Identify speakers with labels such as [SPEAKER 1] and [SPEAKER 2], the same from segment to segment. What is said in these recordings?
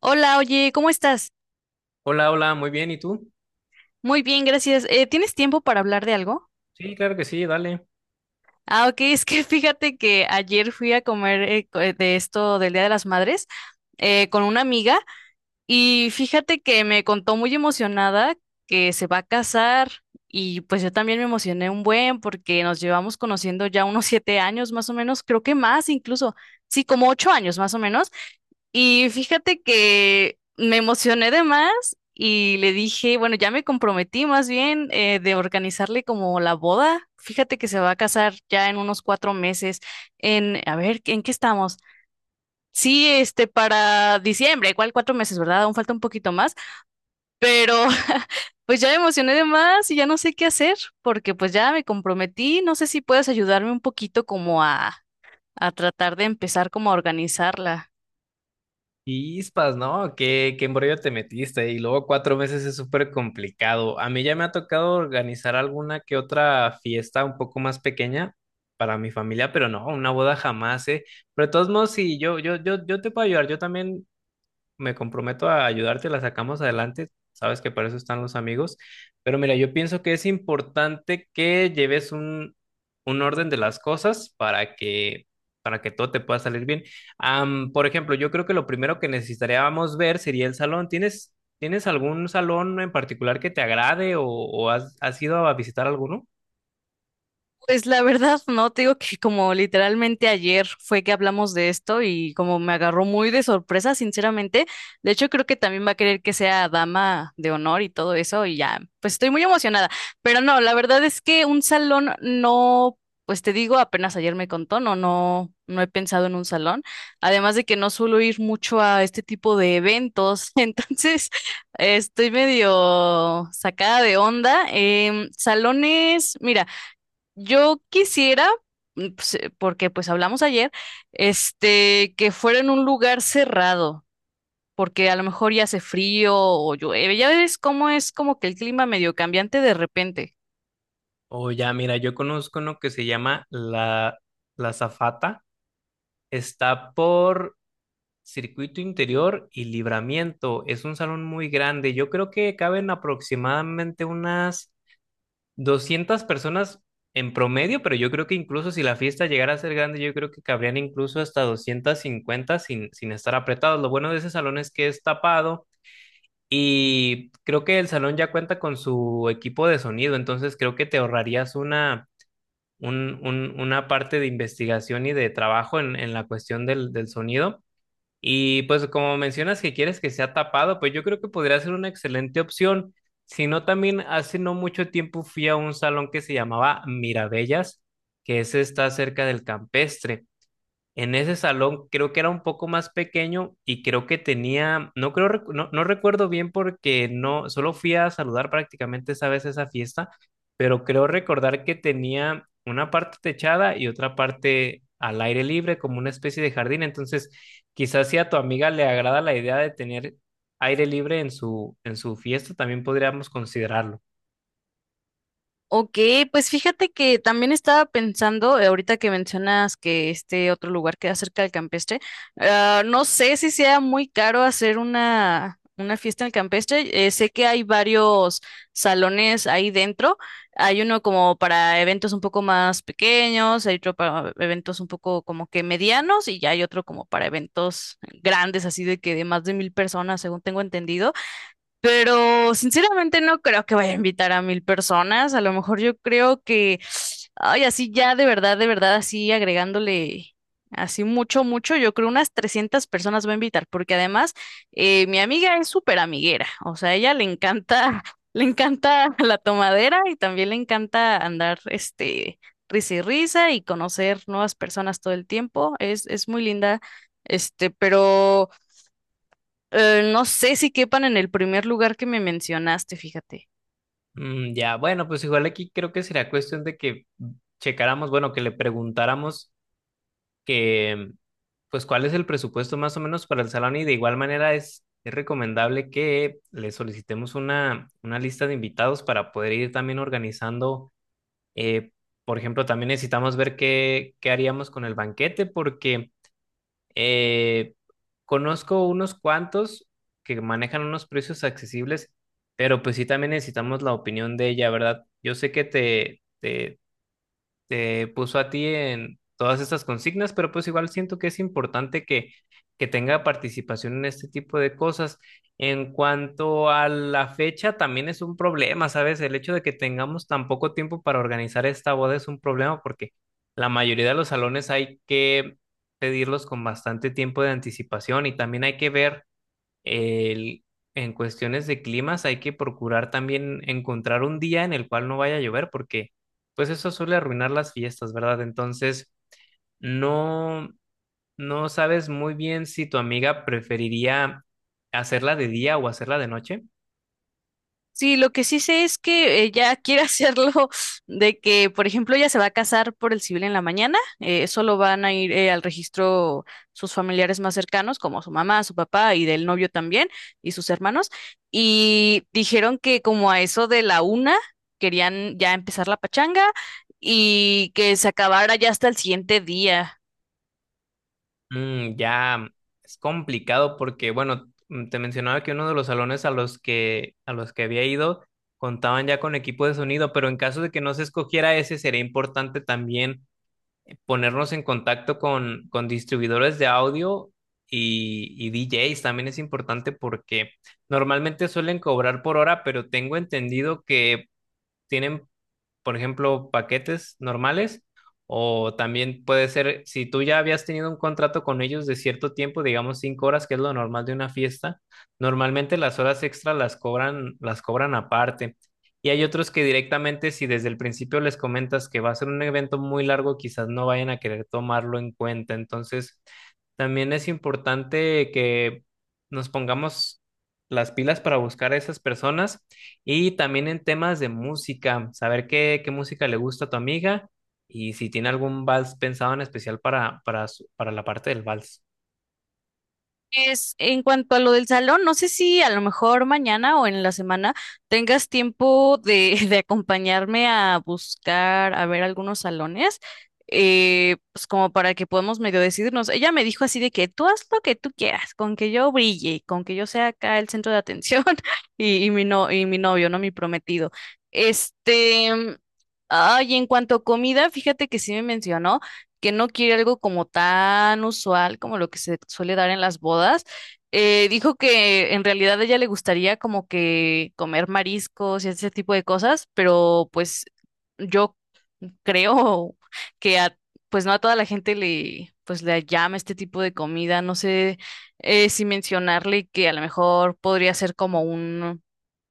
[SPEAKER 1] Hola, oye, ¿cómo estás?
[SPEAKER 2] Hola, hola, muy bien, ¿y tú?
[SPEAKER 1] Muy bien, gracias. ¿Tienes tiempo para hablar de algo?
[SPEAKER 2] Sí, claro que sí, dale.
[SPEAKER 1] Ok, es que fíjate que ayer fui a comer de esto del Día de las Madres con una amiga y fíjate que me contó muy emocionada que se va a casar y pues yo también me emocioné un buen porque nos llevamos conociendo ya unos 7 años más o menos, creo que más incluso, sí, como 8 años más o menos. Y fíjate que me emocioné de más y le dije, bueno, ya me comprometí más bien de organizarle como la boda. Fíjate que se va a casar ya en unos 4 meses. En, a ver, ¿en qué estamos? Sí, para diciembre, igual 4 meses, ¿verdad? Aún falta un poquito más, pero pues ya me emocioné de más y ya no sé qué hacer porque pues ya me comprometí. No sé si puedes ayudarme un poquito como a tratar de empezar como a organizarla.
[SPEAKER 2] Chispas, ¿no? ¿Qué embrollo te metiste. Y luego 4 meses es súper complicado. A mí ya me ha tocado organizar alguna que otra fiesta un poco más pequeña para mi familia, pero no, una boda jamás, ¿eh? Pero de todos modos, sí, yo te puedo ayudar. Yo también me comprometo a ayudarte, la sacamos adelante. Sabes que para eso están los amigos. Pero mira, yo pienso que es importante que lleves un orden de las cosas para que todo te pueda salir bien. Por ejemplo, yo creo que lo primero que necesitaríamos ver sería el salón. ¿Tienes algún salón en particular que te agrade o has ido a visitar alguno?
[SPEAKER 1] Pues la verdad, no, te digo que como literalmente ayer fue que hablamos de esto y como me agarró muy de sorpresa, sinceramente. De hecho, creo que también va a querer que sea dama de honor y todo eso y ya, pues estoy muy emocionada. Pero no, la verdad es que un salón no, pues te digo, apenas ayer me contó, no, no, no he pensado en un salón. Además de que no suelo ir mucho a este tipo de eventos, entonces estoy medio sacada de onda. Salones, mira. Yo quisiera, porque pues hablamos ayer, que fuera en un lugar cerrado, porque a lo mejor ya hace frío o llueve, ya ves cómo es como que el clima medio cambiante de repente.
[SPEAKER 2] O ya, mira, yo conozco uno que se llama La Zafata. Está por Circuito Interior y Libramiento. Es un salón muy grande. Yo creo que caben aproximadamente unas 200 personas en promedio, pero yo creo que incluso si la fiesta llegara a ser grande, yo creo que cabrían incluso hasta 250 sin estar apretados. Lo bueno de ese salón es que es tapado y creo que el salón ya cuenta con su equipo de sonido, entonces creo que te ahorrarías una parte de investigación y de trabajo en la cuestión del sonido. Y pues como mencionas que quieres que sea tapado, pues yo creo que podría ser una excelente opción. Si no, también hace no mucho tiempo fui a un salón que se llamaba Mirabellas, que ese está cerca del Campestre. En ese salón creo que era un poco más pequeño y creo que tenía, no creo, no, recuerdo bien porque no, solo fui a saludar prácticamente esa vez esa fiesta, pero creo recordar que tenía una parte techada y otra parte al aire libre, como una especie de jardín. Entonces, quizás si a tu amiga le agrada la idea de tener aire libre en su fiesta, también podríamos considerarlo.
[SPEAKER 1] Ok, pues fíjate que también estaba pensando, ahorita que mencionas que este otro lugar queda cerca del campestre, no sé si sea muy caro hacer una fiesta en el campestre. Sé que hay varios salones ahí dentro. Hay uno como para eventos un poco más pequeños, hay otro para eventos un poco como que medianos y ya hay otro como para eventos grandes, así de que de más de 1,000 personas, según tengo entendido. Pero sinceramente no creo que vaya a invitar a 1,000 personas. A lo mejor yo creo que, ay, así ya de verdad, así agregándole así mucho, mucho, yo creo unas 300 personas va a invitar, porque además mi amiga es súper amiguera. O sea, a ella le encanta, le encanta la tomadera y también le encanta andar, risa y risa y conocer nuevas personas todo el tiempo. Es muy linda, pero... no sé si quepan en el primer lugar que me mencionaste, fíjate.
[SPEAKER 2] Mm, ya, bueno, pues igual aquí creo que será cuestión de que checáramos, bueno, que le preguntáramos que, pues, cuál es el presupuesto más o menos para el salón y de igual manera es recomendable que le solicitemos una lista de invitados para poder ir también organizando. eh, por ejemplo, también necesitamos ver qué, qué haríamos con el banquete porque eh, conozco unos cuantos que manejan unos precios accesibles, pero pues sí también necesitamos la opinión de ella, ¿verdad? Yo sé que te puso a ti en todas estas consignas, pero pues igual siento que es importante que tenga participación en este tipo de cosas. En cuanto a la fecha, también es un problema, ¿sabes? El hecho de que tengamos tan poco tiempo para organizar esta boda es un problema porque la mayoría de los salones hay que pedirlos con bastante tiempo de anticipación y también hay que ver el- en cuestiones de climas hay que procurar también encontrar un día en el cual no vaya a llover porque pues eso suele arruinar las fiestas, ¿verdad? Entonces, no, no sabes muy bien si tu amiga preferiría hacerla de día o hacerla de noche.
[SPEAKER 1] Sí, lo que sí sé es que ella quiere hacerlo de que, por ejemplo, ella se va a casar por el civil en la mañana, solo van a ir al registro sus familiares más cercanos, como su mamá, su papá y del novio también, y sus hermanos, y dijeron que como a eso de la 1 querían ya empezar la pachanga y que se acabara ya hasta el siguiente día.
[SPEAKER 2] Mm, ya es complicado porque, bueno, mm, te mencionaba que uno de los salones a los que había ido contaban ya con equipo de sonido, pero en caso de que no se escogiera ese, sería importante también ponernos en contacto con distribuidores de audio y DJs también es importante porque normalmente suelen cobrar por hora, pero tengo entendido que tienen por ejemplo, paquetes normales. O también puede ser, si tú ya habías tenido un contrato con ellos de cierto tiempo, digamos 5 horas, que es lo normal de una fiesta, normalmente las horas extras las cobran aparte. Y hay otros que directamente, si desde el principio les comentas que va a ser un evento muy largo, quizás no vayan a querer tomarlo en cuenta. Entonces, también es importante que nos pongamos las pilas para buscar a esas personas y también en temas de música, saber qué música le gusta a tu amiga y si tiene algún vals pensado en especial para la parte del vals.
[SPEAKER 1] Es en cuanto a lo del salón, no sé si a lo mejor mañana o en la semana tengas tiempo de, de acompañarme a buscar, a ver algunos salones, pues como para que podamos medio decidirnos. Ella me dijo así de que tú haz lo que tú quieras, con que yo brille, con que yo sea acá el centro de atención y mi no, y mi novio, no mi prometido. Este, mm, ay, en cuanto a comida, fíjate que sí me mencionó que no quiere algo como tan usual como lo que se suele dar en las bodas. Dijo que en realidad a ella le gustaría como que comer mariscos y ese tipo de cosas, pero pues yo creo que a, pues no a toda la gente le, pues le llama este tipo de comida. No sé si mencionarle que a lo mejor podría ser como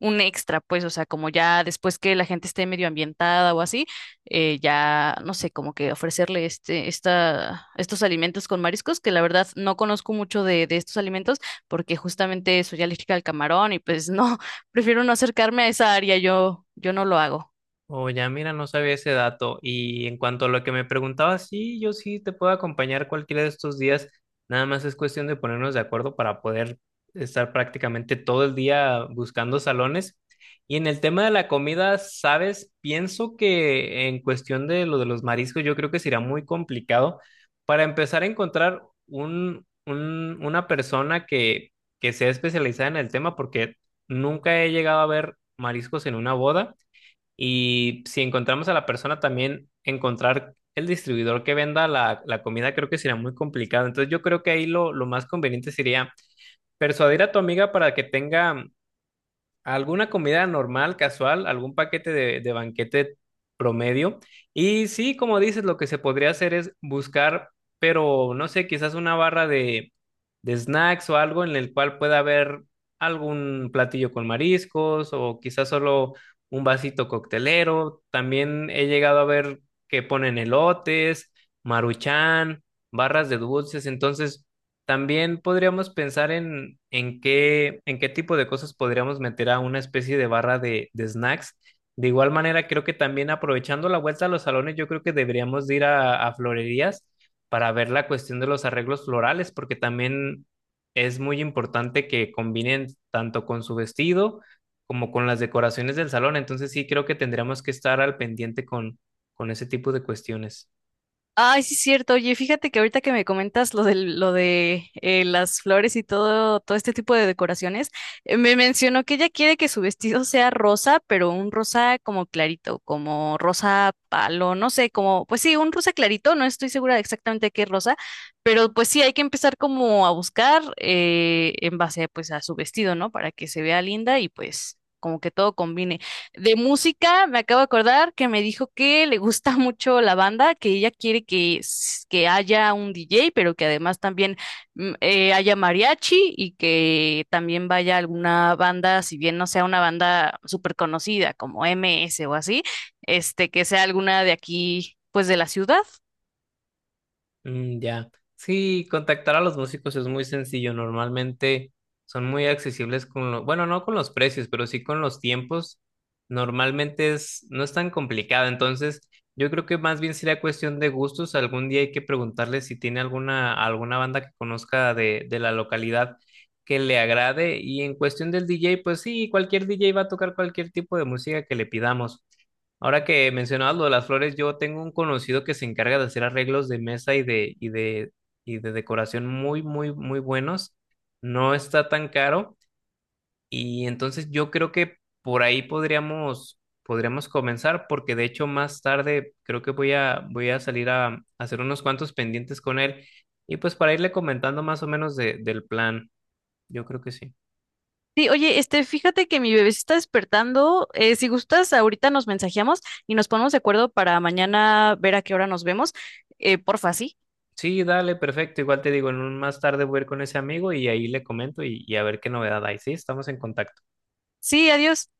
[SPEAKER 1] un extra, pues, o sea, como ya después que la gente esté medio ambientada o así, ya, no sé, como que ofrecerle estos alimentos con mariscos, que la verdad no conozco mucho de estos alimentos, porque justamente soy alérgica al camarón y pues no, prefiero no acercarme a esa área, yo no lo hago.
[SPEAKER 2] Oh, ya mira, no sabía ese dato. Y en cuanto a lo que me preguntabas, sí, yo sí te puedo acompañar cualquiera de estos días. Nada más es cuestión de ponernos de acuerdo para poder estar prácticamente todo el día buscando salones. Y en el tema de la comida, sabes, pienso que en cuestión de lo de los mariscos, yo creo que será muy complicado para empezar a encontrar una persona que sea especializada en el tema, porque nunca he llegado a ver mariscos en una boda. Y si encontramos a la persona, también encontrar el distribuidor que venda la comida creo que será muy complicado. Entonces yo creo que ahí lo más conveniente sería persuadir a tu amiga para que tenga alguna comida normal, casual, algún paquete de banquete promedio. Y sí, como dices, lo que se podría hacer es buscar, pero no sé, quizás una barra de snacks o algo en el cual pueda haber algún platillo con mariscos o quizás solo un vasito coctelero. También he llegado a ver que ponen elotes, maruchan, barras de dulces. Entonces, también podríamos pensar en qué tipo de cosas podríamos meter a una especie de barra de snacks. De igual manera, creo que también aprovechando la vuelta a los salones, yo creo que deberíamos de ir a florerías para ver la cuestión de los arreglos florales, porque también es muy importante que combinen tanto con su vestido como con las decoraciones del salón. Entonces sí, creo que tendríamos que estar al pendiente con ese tipo de cuestiones.
[SPEAKER 1] Ay, sí es cierto. Oye, fíjate que ahorita que me comentas lo de las flores y todo, todo este tipo de decoraciones, me mencionó que ella quiere que su vestido sea rosa, pero un rosa como clarito, como rosa palo, no sé, como, pues sí, un rosa clarito, no estoy segura de exactamente qué rosa, pero pues sí, hay que empezar como a buscar en base pues a su vestido, ¿no? Para que se vea linda y pues como que todo combine. De música, me acabo de acordar que me dijo que le gusta mucho la banda, que ella quiere que, que haya un DJ, pero que además también haya mariachi y que también vaya alguna banda, si bien no sea una banda súper conocida como MS o así, que sea alguna de aquí, pues de la ciudad.
[SPEAKER 2] Mm, ya. Sí, contactar a los músicos es muy sencillo. Normalmente son muy accesibles con lo, bueno, no con los precios, pero sí con los tiempos. Normalmente es, no es tan complicado. Entonces, yo creo que más bien sería cuestión de gustos. Algún día hay que preguntarle si tiene alguna banda que conozca de la localidad que le agrade. Y en cuestión del DJ, pues sí, cualquier DJ va a tocar cualquier tipo de música que le pidamos. Ahora que mencionabas lo de las flores, yo tengo un conocido que se encarga de hacer arreglos de mesa y de decoración muy, muy, muy buenos. No está tan caro. Y entonces yo creo que por ahí podríamos comenzar, porque de hecho más tarde creo que voy a salir hacer unos cuantos pendientes con él. Y pues para irle comentando más o menos del plan, yo creo que sí.
[SPEAKER 1] Sí, oye, fíjate que mi bebé se está despertando. Si gustas, ahorita nos mensajeamos y nos ponemos de acuerdo para mañana ver a qué hora nos vemos. Porfa, sí.
[SPEAKER 2] Sí, dale, perfecto. Igual te digo, en un más tarde voy a ir con ese amigo y ahí le comento y a ver qué novedad hay. Sí, estamos en contacto.
[SPEAKER 1] Sí, adiós.